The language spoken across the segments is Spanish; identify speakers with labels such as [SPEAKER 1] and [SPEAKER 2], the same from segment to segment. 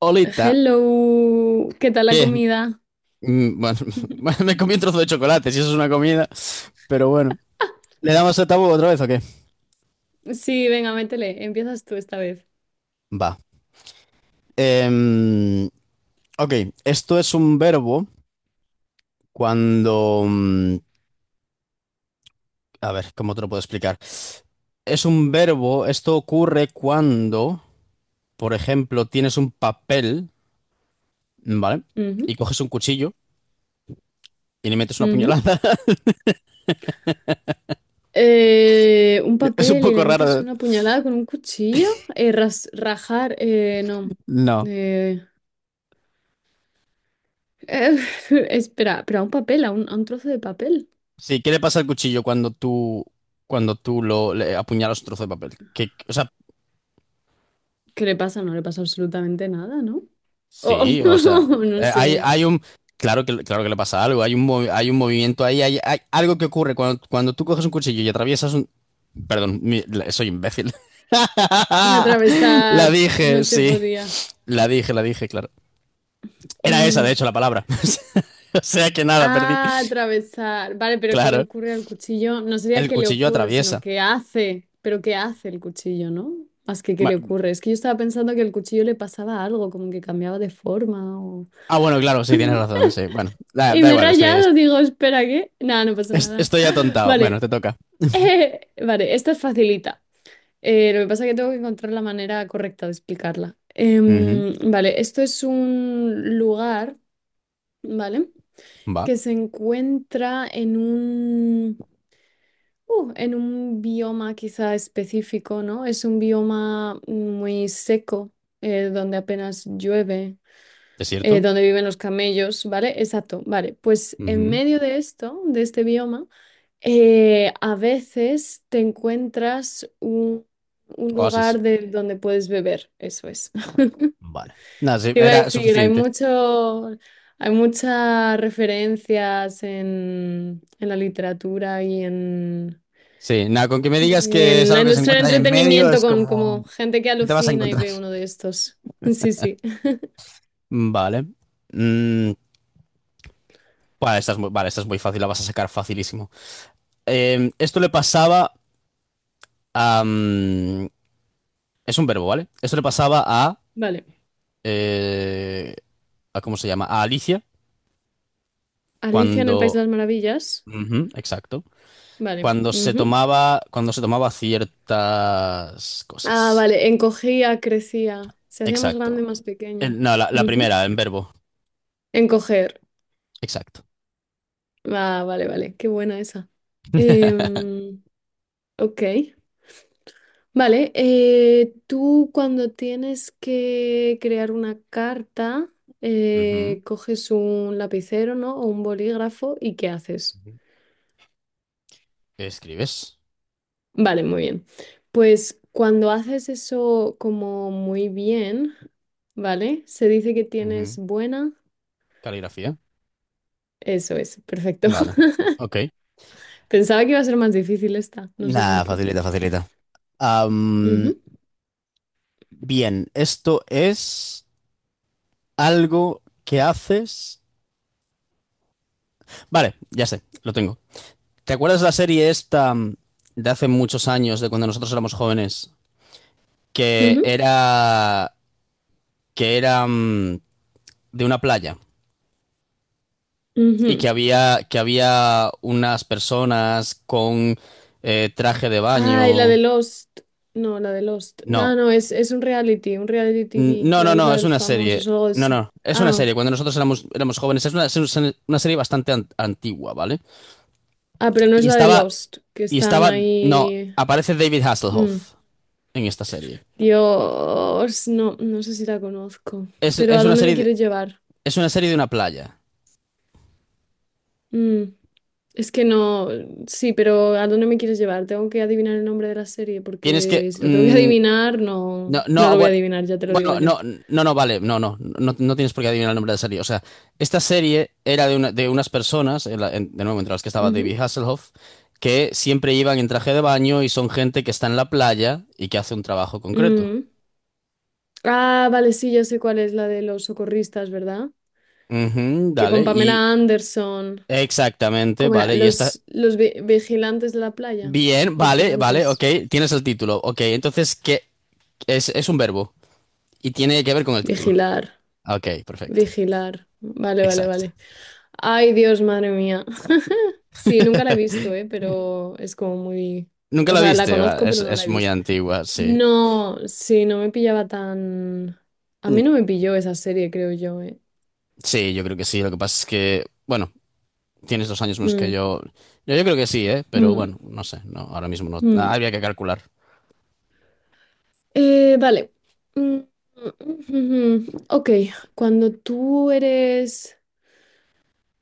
[SPEAKER 1] Olita,
[SPEAKER 2] Hello, ¿qué tal la
[SPEAKER 1] que es,
[SPEAKER 2] comida?
[SPEAKER 1] bueno, bueno, me comí un trozo de chocolate, si eso es una comida, pero bueno. ¿Le damos a tabú otra vez o qué?
[SPEAKER 2] Sí, venga, métele, empiezas tú esta vez.
[SPEAKER 1] Va. Em, ok, esto es un verbo cuando... a ver, ¿cómo te lo puedo explicar? Es un verbo, esto ocurre cuando, por ejemplo, tienes un papel, ¿vale? Y
[SPEAKER 2] Ujú,
[SPEAKER 1] coges un cuchillo y le metes una
[SPEAKER 2] ujú.
[SPEAKER 1] puñalada.
[SPEAKER 2] Un
[SPEAKER 1] Es un
[SPEAKER 2] papel y
[SPEAKER 1] poco
[SPEAKER 2] le metes
[SPEAKER 1] raro, ¿eh?
[SPEAKER 2] una puñalada con un cuchillo. Rajar, no.
[SPEAKER 1] No.
[SPEAKER 2] Eh, eh, espera, pero a un papel, a un trozo de papel.
[SPEAKER 1] Sí, ¿qué le pasa al cuchillo cuando cuando tú lo le apuñalas un trozo de papel? Que, o sea,
[SPEAKER 2] ¿Qué le pasa? No le pasa absolutamente nada, ¿no? Oh,
[SPEAKER 1] sí, o sea,
[SPEAKER 2] no sé.
[SPEAKER 1] hay, claro que le pasa algo, hay un, hay un movimiento ahí, hay algo que ocurre cuando, cuando tú coges un cuchillo y atraviesas un, perdón, soy imbécil. La
[SPEAKER 2] Atravesar, no
[SPEAKER 1] dije,
[SPEAKER 2] se
[SPEAKER 1] sí,
[SPEAKER 2] podía.
[SPEAKER 1] la dije, claro. Era esa, de
[SPEAKER 2] Mm.
[SPEAKER 1] hecho, la palabra. O sea que nada, perdí.
[SPEAKER 2] Ah, atravesar. Vale, pero ¿qué le
[SPEAKER 1] Claro,
[SPEAKER 2] ocurre al cuchillo? No sería
[SPEAKER 1] el
[SPEAKER 2] qué le
[SPEAKER 1] cuchillo
[SPEAKER 2] ocurre, sino
[SPEAKER 1] atraviesa.
[SPEAKER 2] qué hace. Pero ¿qué hace el cuchillo, no? Más que qué le
[SPEAKER 1] Ba-
[SPEAKER 2] ocurre. Es que yo estaba pensando que el cuchillo le pasaba algo, como que cambiaba de forma o...
[SPEAKER 1] Ah, bueno, claro, sí, tienes razón, sí. Bueno,
[SPEAKER 2] Y
[SPEAKER 1] da
[SPEAKER 2] me he
[SPEAKER 1] igual, estoy,
[SPEAKER 2] rayado, digo, espera, ¿qué? Nada, no pasa nada.
[SPEAKER 1] Estoy atontado. Bueno,
[SPEAKER 2] Vale,
[SPEAKER 1] te toca.
[SPEAKER 2] vale, esta es facilita. Lo que pasa es que tengo que encontrar la manera correcta de explicarla.
[SPEAKER 1] Ujú,
[SPEAKER 2] Vale, esto es un lugar, ¿vale?
[SPEAKER 1] va.
[SPEAKER 2] Que se encuentra en un... En un bioma quizá específico, ¿no? Es un bioma muy seco, donde apenas llueve,
[SPEAKER 1] ¿Desierto?
[SPEAKER 2] donde viven los camellos, ¿vale? Exacto, vale. Pues en
[SPEAKER 1] Ujú.
[SPEAKER 2] medio de esto, de este bioma, a veces te encuentras un
[SPEAKER 1] Oasis.
[SPEAKER 2] lugar de donde puedes beber, eso es.
[SPEAKER 1] Vale. Nada, sí,
[SPEAKER 2] Te iba a
[SPEAKER 1] era
[SPEAKER 2] decir,
[SPEAKER 1] suficiente.
[SPEAKER 2] hay muchas referencias en la literatura
[SPEAKER 1] Sí, nada, con que me
[SPEAKER 2] y
[SPEAKER 1] digas que es
[SPEAKER 2] en la
[SPEAKER 1] algo que se
[SPEAKER 2] industria del
[SPEAKER 1] encuentra ahí en medio,
[SPEAKER 2] entretenimiento
[SPEAKER 1] es
[SPEAKER 2] con
[SPEAKER 1] como...
[SPEAKER 2] como gente que
[SPEAKER 1] ¿Qué te vas a
[SPEAKER 2] alucina y
[SPEAKER 1] encontrar?
[SPEAKER 2] ve uno de estos. Sí, sí.
[SPEAKER 1] Vale. Mm, vale, esta es muy, vale, esta es muy fácil, la vas a sacar facilísimo. Esto le pasaba a... es un verbo, ¿vale? Esto le pasaba
[SPEAKER 2] Vale.
[SPEAKER 1] eh, a ¿cómo se llama? A Alicia
[SPEAKER 2] Alicia en el País de
[SPEAKER 1] cuando...
[SPEAKER 2] las Maravillas.
[SPEAKER 1] Ujú, exacto.
[SPEAKER 2] Vale, ujú.
[SPEAKER 1] Cuando se tomaba ciertas
[SPEAKER 2] Ah,
[SPEAKER 1] cosas.
[SPEAKER 2] vale. Encogía, crecía. Se hacía más
[SPEAKER 1] Exacto.
[SPEAKER 2] grande y más pequeña.
[SPEAKER 1] No, la
[SPEAKER 2] Ujú.
[SPEAKER 1] primera, en verbo.
[SPEAKER 2] Encoger.
[SPEAKER 1] Exacto.
[SPEAKER 2] Ah, vale, vale. Qué buena esa. Em, ok. Vale. Tú cuando tienes que crear una carta,
[SPEAKER 1] Ujú.
[SPEAKER 2] coges un lapicero, ¿no? O un bolígrafo y ¿qué haces?
[SPEAKER 1] Ujú. Escribes.
[SPEAKER 2] Vale, muy bien. Pues cuando haces eso como muy bien, ¿vale? Se dice que
[SPEAKER 1] Ujú.
[SPEAKER 2] tienes buena.
[SPEAKER 1] Caligrafía.
[SPEAKER 2] Eso es, perfecto.
[SPEAKER 1] Vale. Ok.
[SPEAKER 2] Pensaba que iba a ser más difícil esta, no sé por
[SPEAKER 1] Nada,
[SPEAKER 2] qué.
[SPEAKER 1] facilita, facilita. Am,
[SPEAKER 2] Ujú,
[SPEAKER 1] bien, esto es algo que haces. Vale, ya sé, lo tengo. ¿Te acuerdas de la serie esta de hace muchos años, de cuando nosotros éramos jóvenes, que
[SPEAKER 2] ujú,
[SPEAKER 1] era que era de una playa? Y
[SPEAKER 2] ujú.
[SPEAKER 1] que había unas personas con traje de
[SPEAKER 2] Ay, la de
[SPEAKER 1] baño.
[SPEAKER 2] Lost. No, la de Lost.
[SPEAKER 1] No,
[SPEAKER 2] No, es un reality TV,
[SPEAKER 1] No, no,
[SPEAKER 2] la
[SPEAKER 1] no,
[SPEAKER 2] isla
[SPEAKER 1] es
[SPEAKER 2] de los
[SPEAKER 1] una serie.
[SPEAKER 2] famosos o algo de
[SPEAKER 1] No,
[SPEAKER 2] eso.
[SPEAKER 1] no, es una
[SPEAKER 2] Ah,
[SPEAKER 1] serie. Cuando nosotros éramos jóvenes, es una, una serie bastante antigua, ¿vale?
[SPEAKER 2] ah, pero no es
[SPEAKER 1] Y
[SPEAKER 2] la de
[SPEAKER 1] estaba,
[SPEAKER 2] Lost, que
[SPEAKER 1] y
[SPEAKER 2] están
[SPEAKER 1] estaba, no,
[SPEAKER 2] ahí.
[SPEAKER 1] aparece David
[SPEAKER 2] Mm,
[SPEAKER 1] Hasselhoff en esta serie.
[SPEAKER 2] Dios, no, no sé si la conozco. Pero
[SPEAKER 1] Es
[SPEAKER 2] ¿a
[SPEAKER 1] una
[SPEAKER 2] dónde me
[SPEAKER 1] serie,
[SPEAKER 2] quieres llevar?
[SPEAKER 1] es una serie de una playa.
[SPEAKER 2] Mm, es que no, sí, pero ¿a dónde me quieres llevar? Tengo que adivinar el nombre de la serie
[SPEAKER 1] Tienes que,
[SPEAKER 2] porque si lo tengo que adivinar,
[SPEAKER 1] no,
[SPEAKER 2] no,
[SPEAKER 1] no,
[SPEAKER 2] no
[SPEAKER 1] ah,
[SPEAKER 2] lo voy a
[SPEAKER 1] bueno,
[SPEAKER 2] adivinar, ya te lo digo
[SPEAKER 1] bueno, no,
[SPEAKER 2] yo.
[SPEAKER 1] no, no, vale, no, no, no, no tienes por qué adivinar el nombre de la serie. O sea, esta serie era de, de unas personas, de nuevo, entre las que estaba David Hasselhoff, que siempre iban en traje de baño y son gente que está en la playa y que hace un trabajo
[SPEAKER 2] Ujú.
[SPEAKER 1] concreto.
[SPEAKER 2] Mm. Ah, vale, sí, ya sé cuál es la de los socorristas, ¿verdad?
[SPEAKER 1] Ujú,
[SPEAKER 2] Que
[SPEAKER 1] dale,
[SPEAKER 2] con
[SPEAKER 1] y
[SPEAKER 2] Pamela Anderson,
[SPEAKER 1] exactamente,
[SPEAKER 2] ¿cómo era?
[SPEAKER 1] vale, y está
[SPEAKER 2] Los vigilantes de la playa.
[SPEAKER 1] bien, vale, vale, ok,
[SPEAKER 2] Vigilantes.
[SPEAKER 1] tienes el título, ok, entonces, ¿qué? Es un verbo y tiene que ver con el título.
[SPEAKER 2] Vigilar.
[SPEAKER 1] Ok, perfecto,
[SPEAKER 2] Vigilar. Vale, vale,
[SPEAKER 1] exacto.
[SPEAKER 2] vale. Ay, Dios, madre mía. Sí, nunca la he visto, ¿eh? Pero es como muy...
[SPEAKER 1] Nunca
[SPEAKER 2] O
[SPEAKER 1] la
[SPEAKER 2] sea, la
[SPEAKER 1] viste, va,
[SPEAKER 2] conozco, pero no
[SPEAKER 1] es
[SPEAKER 2] la he
[SPEAKER 1] muy
[SPEAKER 2] visto.
[SPEAKER 1] antigua, sí.
[SPEAKER 2] No, sí, no me pillaba tan... A
[SPEAKER 1] Mm,
[SPEAKER 2] mí no me pilló esa serie, creo yo, ¿eh?
[SPEAKER 1] sí, yo creo que sí. Lo que pasa es que, bueno, tienes dos años menos que
[SPEAKER 2] Mm,
[SPEAKER 1] yo. Yo creo que sí, ¿eh? Pero
[SPEAKER 2] mm,
[SPEAKER 1] bueno, no sé, no, ahora mismo no. Ah,
[SPEAKER 2] mm.
[SPEAKER 1] habría que calcular.
[SPEAKER 2] Vale. Mm, mm, mm, mm. Ok, cuando tú eres...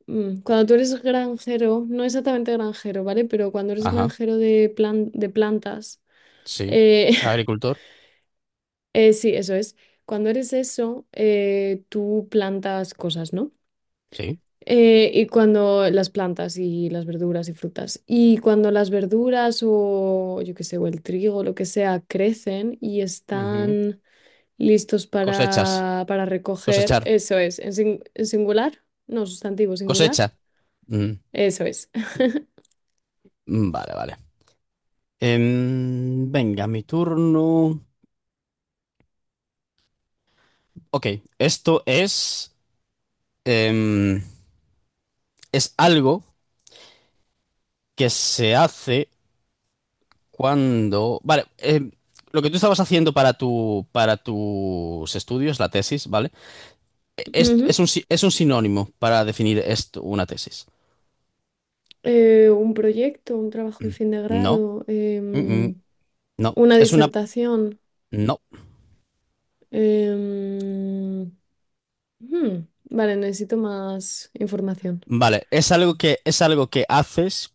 [SPEAKER 2] Cuando tú eres granjero, no exactamente granjero, ¿vale? Pero cuando eres
[SPEAKER 1] Ajá,
[SPEAKER 2] granjero de plantas...
[SPEAKER 1] sí.
[SPEAKER 2] eh,
[SPEAKER 1] Agricultor,
[SPEAKER 2] Sí, eso es. Cuando eres eso, tú plantas cosas, ¿no?
[SPEAKER 1] sí.
[SPEAKER 2] Y cuando las plantas y las verduras y frutas. Y cuando las verduras o yo qué sé, o el trigo, lo que sea, crecen y
[SPEAKER 1] Ujú.
[SPEAKER 2] están listos
[SPEAKER 1] Cosechas,
[SPEAKER 2] para recoger,
[SPEAKER 1] cosechar,
[SPEAKER 2] eso es. ¿En singular? No, sustantivo singular.
[SPEAKER 1] cosecha. Mm,
[SPEAKER 2] Eso es.
[SPEAKER 1] mm, vale, vale. Venga, mi turno. Ok, esto es, em, es algo que se hace cuando. Vale, lo que tú estabas haciendo para para tus estudios, la tesis, ¿vale? Es
[SPEAKER 2] Ujú.
[SPEAKER 1] un, si- es un sinónimo para definir esto, una tesis.
[SPEAKER 2] Un proyecto, un trabajo de fin de
[SPEAKER 1] No,
[SPEAKER 2] grado,
[SPEAKER 1] mm, mm, no,
[SPEAKER 2] una
[SPEAKER 1] es una.
[SPEAKER 2] disertación.
[SPEAKER 1] No,
[SPEAKER 2] Em, ujú. Vale, necesito más información.
[SPEAKER 1] vale, es algo que haces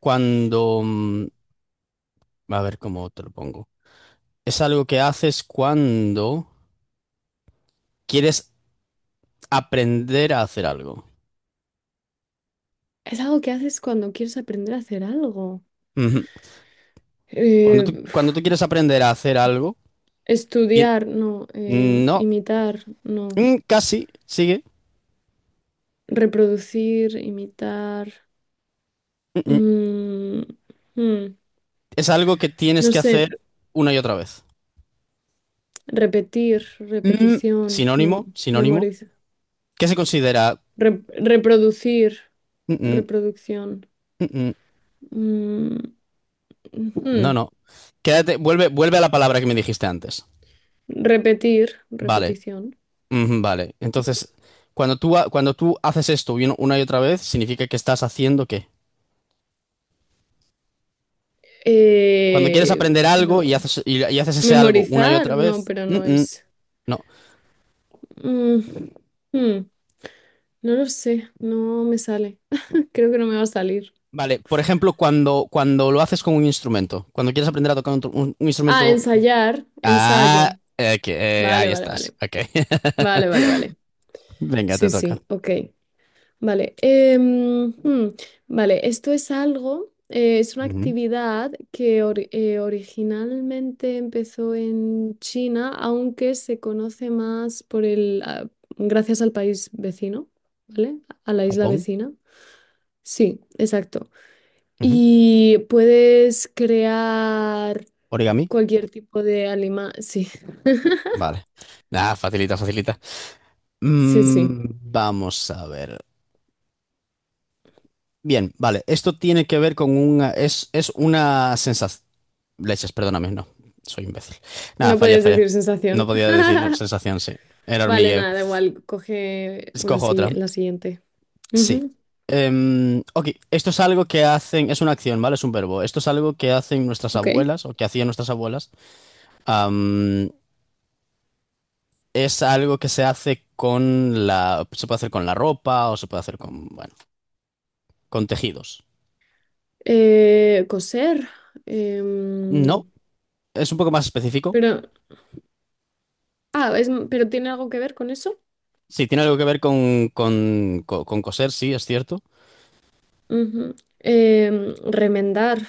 [SPEAKER 1] cuando. A ver cómo te lo pongo. Es algo que haces cuando quieres aprender a hacer algo.
[SPEAKER 2] Es algo que haces cuando quieres aprender a hacer algo.
[SPEAKER 1] Ujú. Cuando
[SPEAKER 2] Eh,
[SPEAKER 1] tú, cuando tú
[SPEAKER 2] uf,
[SPEAKER 1] quieres aprender a hacer algo. y-
[SPEAKER 2] Estudiar, no.
[SPEAKER 1] No,
[SPEAKER 2] Imitar, no.
[SPEAKER 1] casi, sigue.
[SPEAKER 2] Reproducir, imitar. Mm, mm,
[SPEAKER 1] Es algo que tienes
[SPEAKER 2] no
[SPEAKER 1] que
[SPEAKER 2] sé.
[SPEAKER 1] hacer una y otra vez.
[SPEAKER 2] Repetir,
[SPEAKER 1] Mm,
[SPEAKER 2] repetición,
[SPEAKER 1] sinónimo, sinónimo.
[SPEAKER 2] memorizar.
[SPEAKER 1] ¿Qué se considera?
[SPEAKER 2] rep- Reproducir,
[SPEAKER 1] Mm, mm,
[SPEAKER 2] reproducción.
[SPEAKER 1] mm, mm.
[SPEAKER 2] Mm,
[SPEAKER 1] No,
[SPEAKER 2] ujú,
[SPEAKER 1] no. Quédate, vuelve a la palabra que me dijiste antes.
[SPEAKER 2] repetir,
[SPEAKER 1] Vale,
[SPEAKER 2] repetición.
[SPEAKER 1] ujú, vale. Entonces, cuando cuando tú haces esto y una y otra vez, significa que estás haciendo qué? Cuando quieres aprender algo
[SPEAKER 2] No.
[SPEAKER 1] y haces, y haces ese algo una y
[SPEAKER 2] Memorizar,
[SPEAKER 1] otra
[SPEAKER 2] no,
[SPEAKER 1] vez,
[SPEAKER 2] pero
[SPEAKER 1] mm,
[SPEAKER 2] no
[SPEAKER 1] mm,
[SPEAKER 2] es.
[SPEAKER 1] no.
[SPEAKER 2] Mm, hmm, no lo sé, no me sale. Creo que no me va a salir.
[SPEAKER 1] Vale, por ejemplo, cuando lo haces con un instrumento, cuando quieres aprender a tocar un, un
[SPEAKER 2] Ah,
[SPEAKER 1] instrumento.
[SPEAKER 2] ensayar,
[SPEAKER 1] Ah,
[SPEAKER 2] ensayo.
[SPEAKER 1] ok,
[SPEAKER 2] Vale,
[SPEAKER 1] ahí
[SPEAKER 2] vale,
[SPEAKER 1] estás.
[SPEAKER 2] vale.
[SPEAKER 1] Ok.
[SPEAKER 2] Vale, vale, vale.
[SPEAKER 1] Venga, te
[SPEAKER 2] Sí,
[SPEAKER 1] toca.
[SPEAKER 2] sí, ok. Vale. em, hmm, vale, esto es algo, es una
[SPEAKER 1] Ujú.
[SPEAKER 2] actividad que originalmente empezó en China, aunque se conoce más por el, ah, gracias al país vecino, ¿vale? A la isla
[SPEAKER 1] Japón.
[SPEAKER 2] vecina. Sí, exacto.
[SPEAKER 1] Ujú.
[SPEAKER 2] Y puedes crear
[SPEAKER 1] Origami.
[SPEAKER 2] cualquier tipo de alima. Sí,
[SPEAKER 1] Vale. Ah, facilita, facilita.
[SPEAKER 2] sí, sí.
[SPEAKER 1] Mm, vamos a ver. Bien, vale. Esto tiene que ver con una. Es una sensación. Leches, perdóname, no. Soy imbécil. Nada,
[SPEAKER 2] No
[SPEAKER 1] falla,
[SPEAKER 2] podías
[SPEAKER 1] falla.
[SPEAKER 2] decir
[SPEAKER 1] No
[SPEAKER 2] sensación.
[SPEAKER 1] podía decir sensación, sí. Era
[SPEAKER 2] Vale,
[SPEAKER 1] hormigueo.
[SPEAKER 2] nada, da igual. Coge una
[SPEAKER 1] Escojo otra.
[SPEAKER 2] silla la siguiente.
[SPEAKER 1] Sí.
[SPEAKER 2] Ujú,
[SPEAKER 1] Ok, esto es algo que hacen, es una acción, ¿vale? Es un verbo. Esto es algo que hacen nuestras
[SPEAKER 2] ok.
[SPEAKER 1] abuelas o que hacían nuestras abuelas. Am, es algo que se hace con la, se puede hacer con la ropa o se puede hacer con, bueno, con tejidos.
[SPEAKER 2] Coser.
[SPEAKER 1] No,
[SPEAKER 2] em,
[SPEAKER 1] es un poco más específico.
[SPEAKER 2] pero, ah, es, pero ¿tiene algo que ver con eso?
[SPEAKER 1] Sí, tiene algo que ver con, con coser, sí, es cierto.
[SPEAKER 2] Ujú. Em, remendar.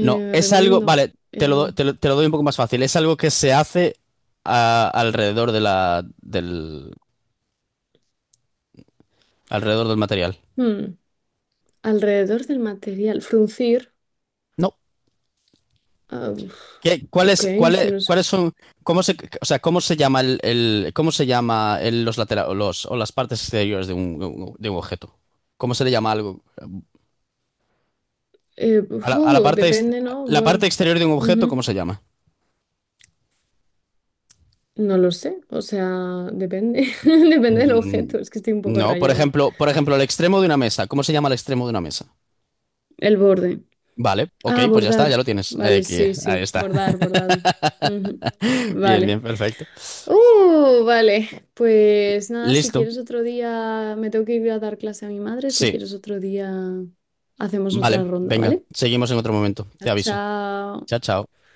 [SPEAKER 1] No, es algo,
[SPEAKER 2] Remiendo.
[SPEAKER 1] vale, te lo,
[SPEAKER 2] em,
[SPEAKER 1] te lo, te lo doy un poco más fácil. Es algo que se hace alrededor de alrededor del material.
[SPEAKER 2] hmm, Alrededor del material. Fruncir.
[SPEAKER 1] No.
[SPEAKER 2] Ah, uf,
[SPEAKER 1] ¿Qué,
[SPEAKER 2] ok,
[SPEAKER 1] cuál
[SPEAKER 2] si
[SPEAKER 1] es-
[SPEAKER 2] no sé.
[SPEAKER 1] ¿cuáles son, o sea, cómo se llama cómo se llama los laterales, los, o las partes exteriores de un objeto? ¿Cómo se le llama algo?
[SPEAKER 2] Uf,
[SPEAKER 1] A la parte,
[SPEAKER 2] depende, ¿no?
[SPEAKER 1] la parte
[SPEAKER 2] Board.
[SPEAKER 1] exterior de un objeto,
[SPEAKER 2] Ujú.
[SPEAKER 1] ¿cómo se llama?
[SPEAKER 2] No lo sé, o sea, depende. Depende del
[SPEAKER 1] Mm,
[SPEAKER 2] objeto, es que estoy un poco
[SPEAKER 1] no,
[SPEAKER 2] rayada.
[SPEAKER 1] por ejemplo, el extremo de una mesa. ¿Cómo se llama el extremo de una mesa?
[SPEAKER 2] El borde.
[SPEAKER 1] Vale, ok,
[SPEAKER 2] Ah,
[SPEAKER 1] pues ya está, ya lo
[SPEAKER 2] bordar.
[SPEAKER 1] tienes.
[SPEAKER 2] Vale, sí,
[SPEAKER 1] Ahí
[SPEAKER 2] sí,
[SPEAKER 1] está.
[SPEAKER 2] bordar, bordado. Ujú.
[SPEAKER 1] Bien,
[SPEAKER 2] Vale.
[SPEAKER 1] bien, perfecto.
[SPEAKER 2] Vale. Pues nada, si
[SPEAKER 1] Listo.
[SPEAKER 2] quieres otro día, me tengo que ir a dar clase a mi madre. Si
[SPEAKER 1] Sí,
[SPEAKER 2] quieres otro día, hacemos otra
[SPEAKER 1] vale,
[SPEAKER 2] ronda,
[SPEAKER 1] venga,
[SPEAKER 2] ¿vale?
[SPEAKER 1] seguimos en otro momento. Te aviso.
[SPEAKER 2] Chao.
[SPEAKER 1] Chao, chao.